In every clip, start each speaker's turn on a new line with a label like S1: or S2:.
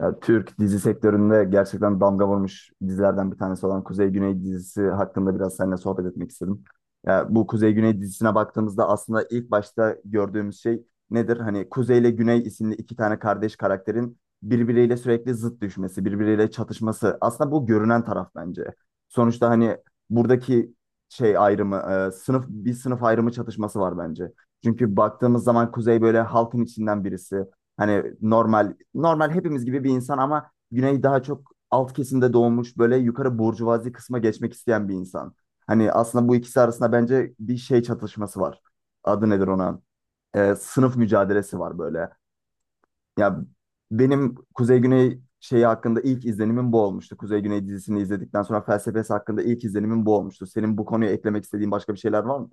S1: Ya, Türk dizi sektöründe gerçekten damga vurmuş dizilerden bir tanesi olan Kuzey Güney dizisi hakkında biraz seninle sohbet etmek istedim. Ya, bu Kuzey Güney dizisine baktığımızda aslında ilk başta gördüğümüz şey nedir? Hani Kuzey ile Güney isimli iki tane kardeş karakterin birbiriyle sürekli zıt düşmesi, birbiriyle çatışması. Aslında bu görünen taraf bence. Sonuçta hani buradaki şey ayrımı, sınıf bir sınıf ayrımı çatışması var bence. Çünkü baktığımız zaman Kuzey böyle halkın içinden birisi. Hani normal hepimiz gibi bir insan ama Güney daha çok alt kesimde doğmuş böyle yukarı burjuvazi kısma geçmek isteyen bir insan. Hani aslında bu ikisi arasında bence bir şey çatışması var. Adı nedir ona? Sınıf mücadelesi var böyle. Ya, benim Kuzey Güney şeyi hakkında ilk izlenimim bu olmuştu. Kuzey Güney dizisini izledikten sonra felsefesi hakkında ilk izlenimim bu olmuştu. Senin bu konuya eklemek istediğin başka bir şeyler var mı?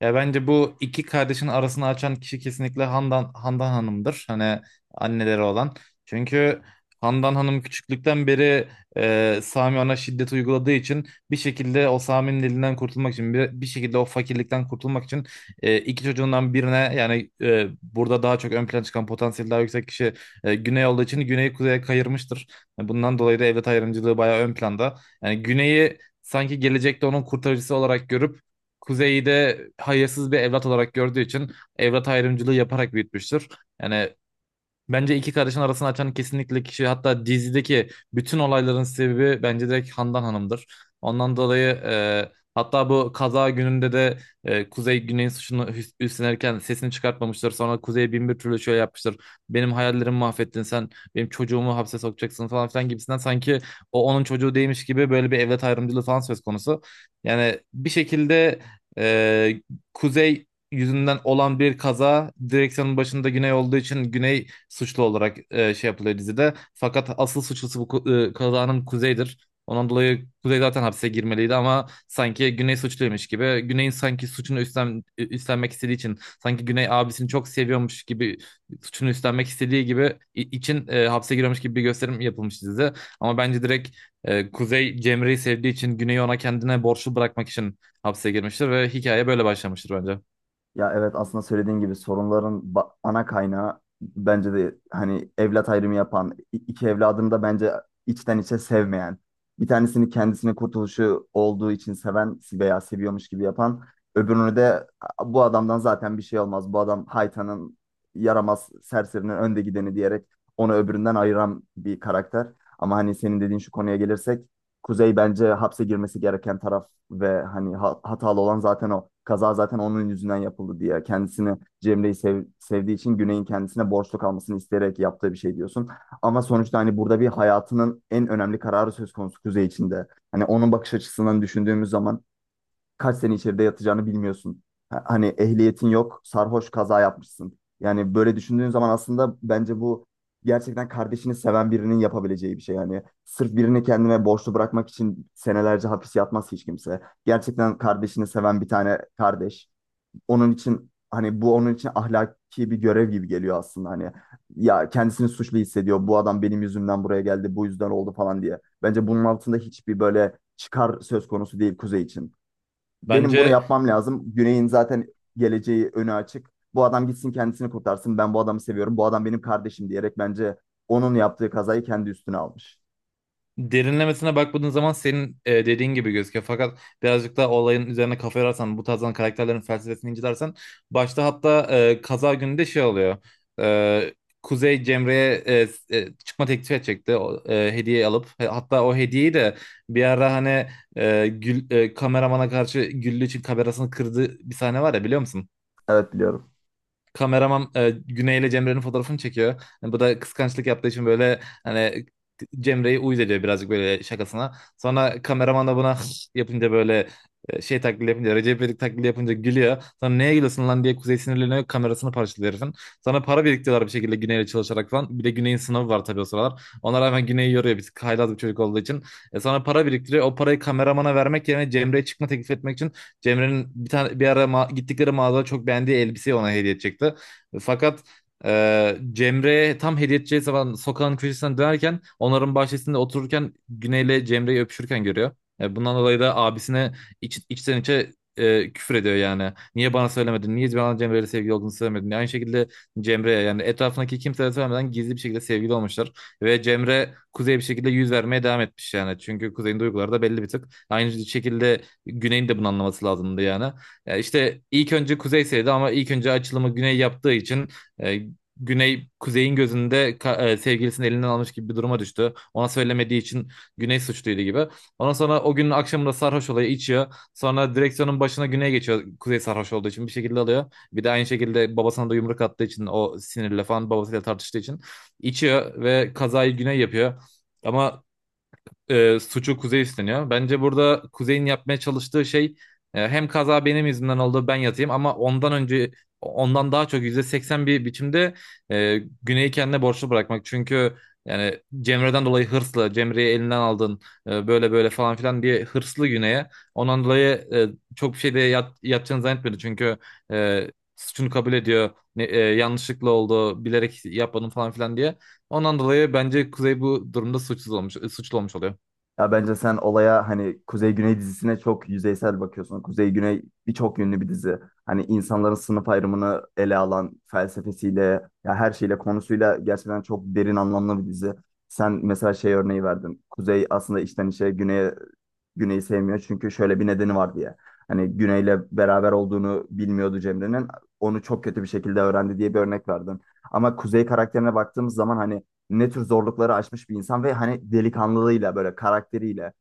S2: Ya bence bu iki kardeşin arasını açan kişi kesinlikle Handan Hanım'dır. Hani anneleri olan. Çünkü Handan Hanım küçüklükten beri Sami ona şiddet uyguladığı için bir şekilde o Sami'nin elinden kurtulmak için bir şekilde o fakirlikten kurtulmak için iki çocuğundan birine yani burada daha çok ön plana çıkan potansiyeli daha yüksek kişi Güney olduğu için Güney'i kuzeye kayırmıştır. Bundan dolayı da evlat ayrımcılığı bayağı ön planda. Yani Güney'i sanki gelecekte onun kurtarıcısı olarak görüp Kuzey'i de hayırsız bir evlat olarak gördüğü için evlat ayrımcılığı yaparak büyütmüştür. Yani, bence iki kardeşin arasını açan kesinlikle kişi hatta dizideki bütün olayların sebebi bence direkt Handan Hanım'dır. Ondan dolayı hatta bu kaza gününde de Kuzey Güney'in suçunu üstlenirken sesini çıkartmamıştır. Sonra Kuzey bin bir türlü şöyle yapmıştır. Benim hayallerimi mahvettin sen, benim çocuğumu hapse sokacaksın falan filan gibisinden sanki o onun çocuğu değilmiş gibi böyle bir evlat ayrımcılığı falan söz konusu. Yani bir şekilde e, Kuzey yüzünden olan bir kaza direksiyonun başında Güney olduğu için Güney suçlu olarak şey yapılıyor dizide. Fakat asıl suçlusu bu kazanın Kuzey'dir. Ondan dolayı Kuzey zaten hapse girmeliydi ama sanki Güney suçluymuş gibi. Güney'in sanki suçunu üstlenmek istediği için sanki Güney abisini çok seviyormuş gibi suçunu üstlenmek istediği gibi için hapse giriyormuş gibi bir gösterim yapılmış dizide. Ama bence direkt Kuzey Cemre'yi sevdiği için Güney'i ona kendine borçlu bırakmak için hapse girmiştir ve hikaye böyle başlamıştır bence.
S1: Ya evet, aslında söylediğin gibi sorunların ana kaynağı bence de hani evlat ayrımı yapan, iki evladını da bence içten içe sevmeyen, bir tanesini kendisinin kurtuluşu olduğu için seven veya seviyormuş gibi yapan, öbürünü de Bu adamdan zaten bir şey olmaz, bu adam haytanın yaramaz serserinin önde gideni" diyerek onu öbüründen ayıran bir karakter. Ama hani senin dediğin şu konuya gelirsek Kuzey bence hapse girmesi gereken taraf ve hani hatalı olan zaten o. Kaza zaten onun yüzünden yapıldı diye. Kendisini Cemre'yi sevdiği için Güney'in kendisine borçlu kalmasını isteyerek yaptığı bir şey diyorsun. Ama sonuçta hani burada bir hayatının en önemli kararı söz konusu Kuzey içinde. Hani onun bakış açısından düşündüğümüz zaman kaç sene içeride yatacağını bilmiyorsun. Hani ehliyetin yok, sarhoş kaza yapmışsın. Yani böyle düşündüğün zaman aslında bence bu gerçekten kardeşini seven birinin yapabileceği bir şey. Yani sırf birini kendime borçlu bırakmak için senelerce hapis yatmaz hiç kimse. Gerçekten kardeşini seven bir tane kardeş. Onun için hani bu onun için ahlaki bir görev gibi geliyor aslında hani. Ya kendisini suçlu hissediyor. Bu adam benim yüzümden buraya geldi, bu yüzden oldu falan diye. Bence bunun altında hiçbir böyle çıkar söz konusu değil Kuzey için. Benim bunu
S2: Bence
S1: yapmam lazım. Güney'in zaten geleceği önü açık. Bu adam gitsin kendisini kurtarsın. Ben bu adamı seviyorum. Bu adam benim kardeşim diyerek bence onun yaptığı kazayı kendi üstüne almış.
S2: derinlemesine bakmadığın zaman senin dediğin gibi gözüküyor. Fakat birazcık da olayın üzerine kafa yorarsan, bu tarzdan karakterlerin felsefesini incelersen, başta hatta kaza günü de şey oluyor. E, Kuzey Cemre'ye çıkma teklif edecekti o, hediye alıp. Hatta o hediyeyi de bir ara hani kameramana karşı Güllü için kamerasını kırdığı bir sahne var ya, biliyor musun?
S1: Evet, biliyorum.
S2: Kameraman Güney ile Cemre'nin fotoğrafını çekiyor. Yani bu da kıskançlık yaptığı için böyle hani Cemre'yi uyuz ediyor birazcık böyle şakasına. Sonra kameraman da buna yapınca böyle şey taklidi yapınca, Recep İvedik taklidi yapınca gülüyor. Sonra neye gülüyorsun lan diye Kuzey sinirleniyor, kamerasını parçalıyor herifin. Sonra para biriktiriyorlar bir şekilde Güney'le çalışarak falan. Bir de Güney'in sınavı var tabii o sıralar. Ona rağmen Güney'i yoruyor bir tık, haylaz bir çocuk olduğu için. Sonra para biriktiriyor. O parayı kameramana vermek yerine Cemre'ye çıkma teklif etmek için Cemre'nin bir tane bir ara gittikleri mağazada çok beğendiği elbiseyi ona hediye edecekti. Fakat Cemre tam hediye edeceği zaman sokağın köşesinden dönerken, onların bahçesinde otururken Güney'le Cemre'yi öpüşürken görüyor. Bundan dolayı da abisine içten içe küfür ediyor yani. Niye bana söylemedin? Niye bana Cemre'yle sevgili olduğunu söylemedin? Aynı şekilde Cemre'ye yani etrafındaki kimseye söylemeden gizli bir şekilde sevgili olmuşlar. Ve Cemre Kuzey'e bir şekilde yüz vermeye devam etmiş yani. Çünkü Kuzey'in duyguları da belli bir tık. Aynı şekilde Güney'in de bunu anlaması lazımdı yani. İşte ilk önce Kuzey sevdi ama ilk önce açılımı Güney yaptığı için e, Güney Kuzey'in gözünde sevgilisini elinden almış gibi bir duruma düştü. Ona söylemediği için Güney suçluydu gibi. Ondan sonra o günün akşamında sarhoş olayı içiyor. Sonra direksiyonun başına Güney geçiyor. Kuzey sarhoş olduğu için bir şekilde alıyor. Bir de aynı şekilde babasına da yumruk attığı için o sinirle falan babasıyla tartıştığı için içiyor ve kazayı Güney yapıyor. Ama suçu Kuzey üstleniyor. Bence burada Kuzey'in yapmaya çalıştığı şey, hem kaza benim yüzümden oldu ben yatayım, ama ondan önce ondan daha çok %81 biçimde Güney'i kendine borçlu bırakmak. Çünkü yani Cemre'den dolayı hırslı, Cemre'yi elinden aldın böyle böyle falan filan diye hırslı Güney'e. Ondan dolayı e, çok bir şey de yapacağını zannetmedi. Çünkü e, suçunu kabul ediyor. Yanlışlıkla oldu, bilerek yapmadım falan filan diye. Ondan dolayı bence Kuzey bu durumda suçsuz olmuş, suçlu olmuş oluyor.
S1: Ya bence sen olaya hani Kuzey Güney dizisine çok yüzeysel bakıyorsun. Kuzey Güney birçok yönlü bir dizi. Hani insanların sınıf ayrımını ele alan felsefesiyle, ya her şeyle, konusuyla gerçekten çok derin anlamlı bir dizi. Sen mesela şey örneği verdin. Kuzey aslında içten içe Güney'e Güney'i sevmiyor çünkü şöyle bir nedeni var diye. Hani Güney'le beraber olduğunu bilmiyordu Cemre'nin. Onu çok kötü bir şekilde öğrendi diye bir örnek verdin. Ama Kuzey karakterine baktığımız zaman hani ne tür zorlukları aşmış bir insan ve hani delikanlılığıyla böyle karakteriyle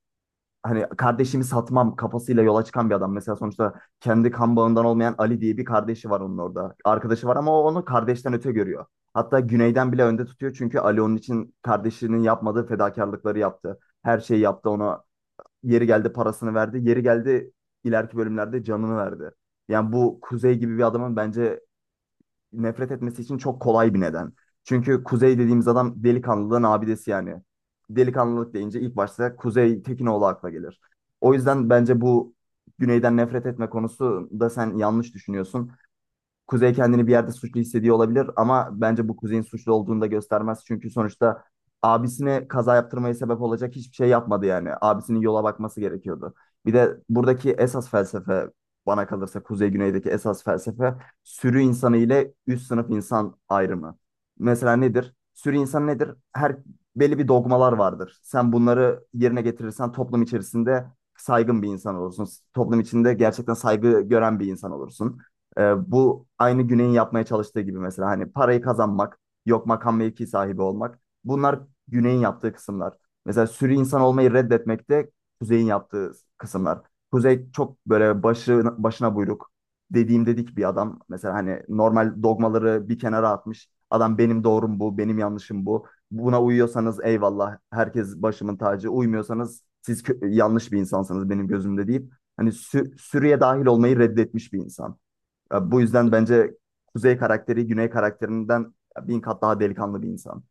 S1: hani kardeşimi satmam kafasıyla yola çıkan bir adam. Mesela sonuçta kendi kan bağından olmayan Ali diye bir kardeşi var onun orada. Arkadaşı var ama o onu kardeşten öte görüyor. Hatta Güney'den bile önde tutuyor çünkü Ali onun için kardeşinin yapmadığı fedakarlıkları yaptı. Her şeyi yaptı ona. Yeri geldi parasını verdi. Yeri geldi ileriki bölümlerde canını verdi. Yani bu Kuzey gibi bir adamın bence nefret etmesi için çok kolay bir neden. Çünkü Kuzey dediğimiz adam delikanlılığın abidesi yani. Delikanlılık deyince ilk başta Kuzey Tekinoğlu akla gelir. O yüzden bence bu Güney'den nefret etme konusu da sen yanlış düşünüyorsun. Kuzey kendini bir yerde suçlu hissediyor olabilir ama bence bu Kuzey'in suçlu olduğunu da göstermez. Çünkü sonuçta abisine kaza yaptırmaya sebep olacak hiçbir şey yapmadı yani. Abisinin yola bakması gerekiyordu. Bir de buradaki esas felsefe, bana kalırsa Kuzey Güney'deki esas felsefe, sürü insanı ile üst sınıf insan ayrımı. Mesela nedir? Sürü insan nedir? Her belli bir dogmalar vardır. Sen bunları yerine getirirsen toplum içerisinde saygın bir insan olursun. Toplum içinde gerçekten saygı gören bir insan olursun. Bu aynı Güney'in yapmaya çalıştığı gibi mesela hani parayı kazanmak, yok makam mevki sahibi olmak. Bunlar Güney'in yaptığı kısımlar. Mesela sürü insan olmayı reddetmek de Kuzey'in yaptığı kısımlar. Kuzey çok böyle başı, başına buyruk, dediğim dedik bir adam. Mesela hani normal dogmaları bir kenara atmış. Adam benim doğrum bu, benim yanlışım bu. Buna uyuyorsanız eyvallah, herkes başımın tacı. Uymuyorsanız siz yanlış bir insansınız benim gözümde deyip hani sürüye dahil olmayı reddetmiş bir insan. Ya bu yüzden bence Kuzey karakteri Güney karakterinden bin kat daha delikanlı bir insan.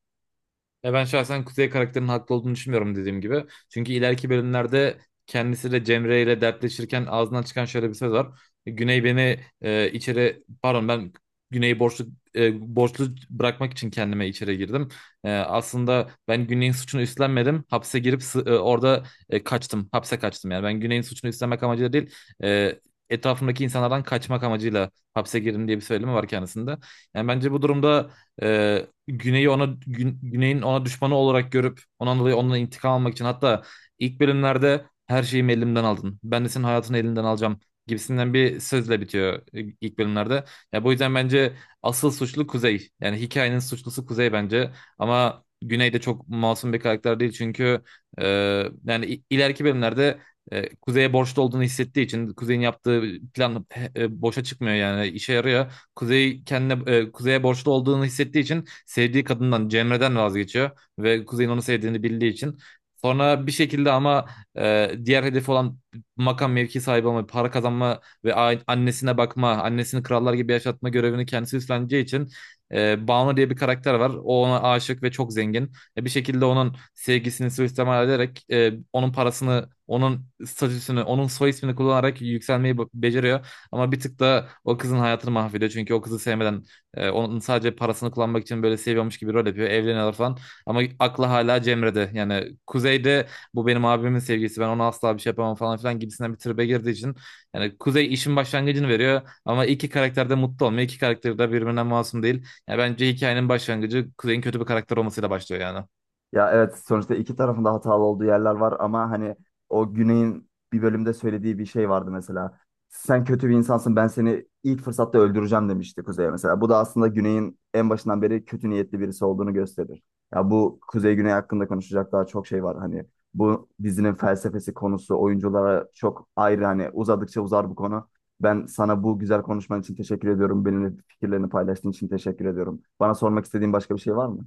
S2: Ya ben şahsen Kuzey karakterinin haklı olduğunu düşünmüyorum dediğim gibi. Çünkü ileriki bölümlerde kendisiyle Cemre ile dertleşirken ağzından çıkan şöyle bir söz var. Güney beni içeri, pardon, ben Güney'i borçlu, borçlu bırakmak için kendime içeri girdim. Aslında ben Güney'in suçunu üstlenmedim. Hapse girip orada kaçtım. Hapse kaçtım yani. Ben Güney'in suçunu üstlenmek amacıyla değil. E, Etrafımdaki insanlardan kaçmak amacıyla hapse girdim diye bir söylemi var kendisinde. Yani bence bu durumda e, Güney'i ona Güney'in ona düşmanı olarak görüp ondan dolayı ondan intikam almak için, hatta ilk bölümlerde her şeyimi elimden aldın, ben de senin hayatını elinden alacağım gibisinden bir sözle bitiyor ilk bölümlerde. Ya bu yüzden bence asıl suçlu Kuzey. Yani hikayenin suçlusu Kuzey bence. Ama Güney de çok masum bir karakter değil çünkü e, yani ileriki bölümlerde Kuzey'e borçlu olduğunu hissettiği için Kuzey'in yaptığı plan boşa çıkmıyor yani işe yarıyor. Kuzey kendine, Kuzey'e borçlu olduğunu hissettiği için sevdiği kadından Cemre'den vazgeçiyor ve Kuzey'in onu sevdiğini bildiği için. Sonra bir şekilde ama diğer hedefi olan makam mevki sahibi olma, para kazanma ve annesine bakma, annesini krallar gibi yaşatma görevini kendisi üstleneceği için Banu diye bir karakter var. O ona aşık ve çok zengin. Bir şekilde onun sevgisini suistimal ederek onun parasını, onun statüsünü, onun soy ismini kullanarak yükselmeyi beceriyor. Ama bir tık da o kızın hayatını mahvediyor. Çünkü o kızı sevmeden onun sadece parasını kullanmak için böyle seviyormuş gibi rol yapıyor. Evleniyorlar falan. Ama aklı hala Cemre'de. Yani Kuzey'de bu benim abimin sevgisi. Ben ona asla bir şey yapamam falan filan gibisinden bir tribe girdiği için. Yani Kuzey işin başlangıcını veriyor. Ama iki karakter de mutlu olmuyor. İki karakter de birbirinden masum değil. Yani bence hikayenin başlangıcı Kuzey'in kötü bir karakter olmasıyla başlıyor yani.
S1: Ya evet, sonuçta iki tarafında hatalı olduğu yerler var ama hani o Güney'in bir bölümde söylediği bir şey vardı mesela. "Sen kötü bir insansın, ben seni ilk fırsatta öldüreceğim" demişti Kuzey'e mesela. Bu da aslında Güney'in en başından beri kötü niyetli birisi olduğunu gösterir. Ya bu Kuzey Güney hakkında konuşacak daha çok şey var. Hani bu dizinin felsefesi, konusu, oyunculara çok ayrı, hani uzadıkça uzar bu konu. Ben sana bu güzel konuşman için teşekkür ediyorum. Benimle fikirlerini paylaştığın için teşekkür ediyorum. Bana sormak istediğin başka bir şey var mı?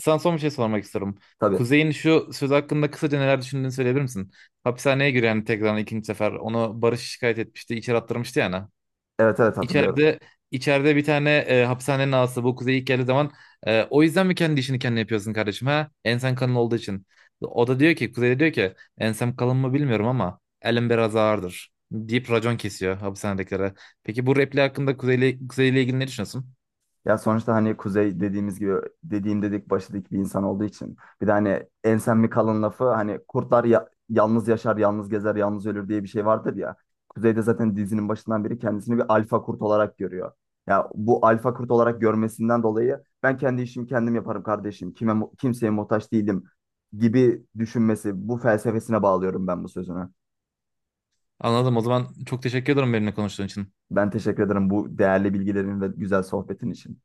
S2: Sana son bir şey sormak istiyorum.
S1: Tabii.
S2: Kuzey'in şu söz hakkında kısaca neler düşündüğünü söyleyebilir misin? Hapishaneye giren tekrar ikinci sefer onu Barış şikayet etmişti, içeri attırmıştı yani.
S1: Evet, evet, hatırlıyorum.
S2: İçeride içeride bir tane hapishanenin ağası, bu Kuzey ilk geldiği zaman, o yüzden mi kendi işini kendi yapıyorsun kardeşim ha? Ensen kalın olduğu için. O da diyor ki, Kuzey de diyor ki, ensem kalın mı bilmiyorum ama elim biraz ağırdır deyip racon kesiyor hapishanedekilere. Peki bu repli hakkında Kuzey'le ilgili ne düşünüyorsun?
S1: Ya sonuçta hani Kuzey dediğimiz gibi dediğim dedik başladık bir insan olduğu için. Bir de hani ensen mi kalın lafı, hani kurtlar yalnız yaşar, yalnız gezer, yalnız ölür diye bir şey vardır ya. Kuzey de zaten dizinin başından beri kendisini bir alfa kurt olarak görüyor. Ya bu alfa kurt olarak görmesinden dolayı "Ben kendi işimi kendim yaparım kardeşim. Kime kimseye muhtaç değilim" gibi düşünmesi, bu felsefesine bağlıyorum ben bu sözünü.
S2: Anladım. O zaman çok teşekkür ederim benimle konuştuğun için.
S1: Ben teşekkür ederim bu değerli bilgilerin ve güzel sohbetin için.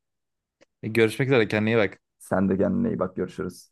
S2: Görüşmek üzere. Kendine iyi bak.
S1: Sen de kendine iyi bak, görüşürüz.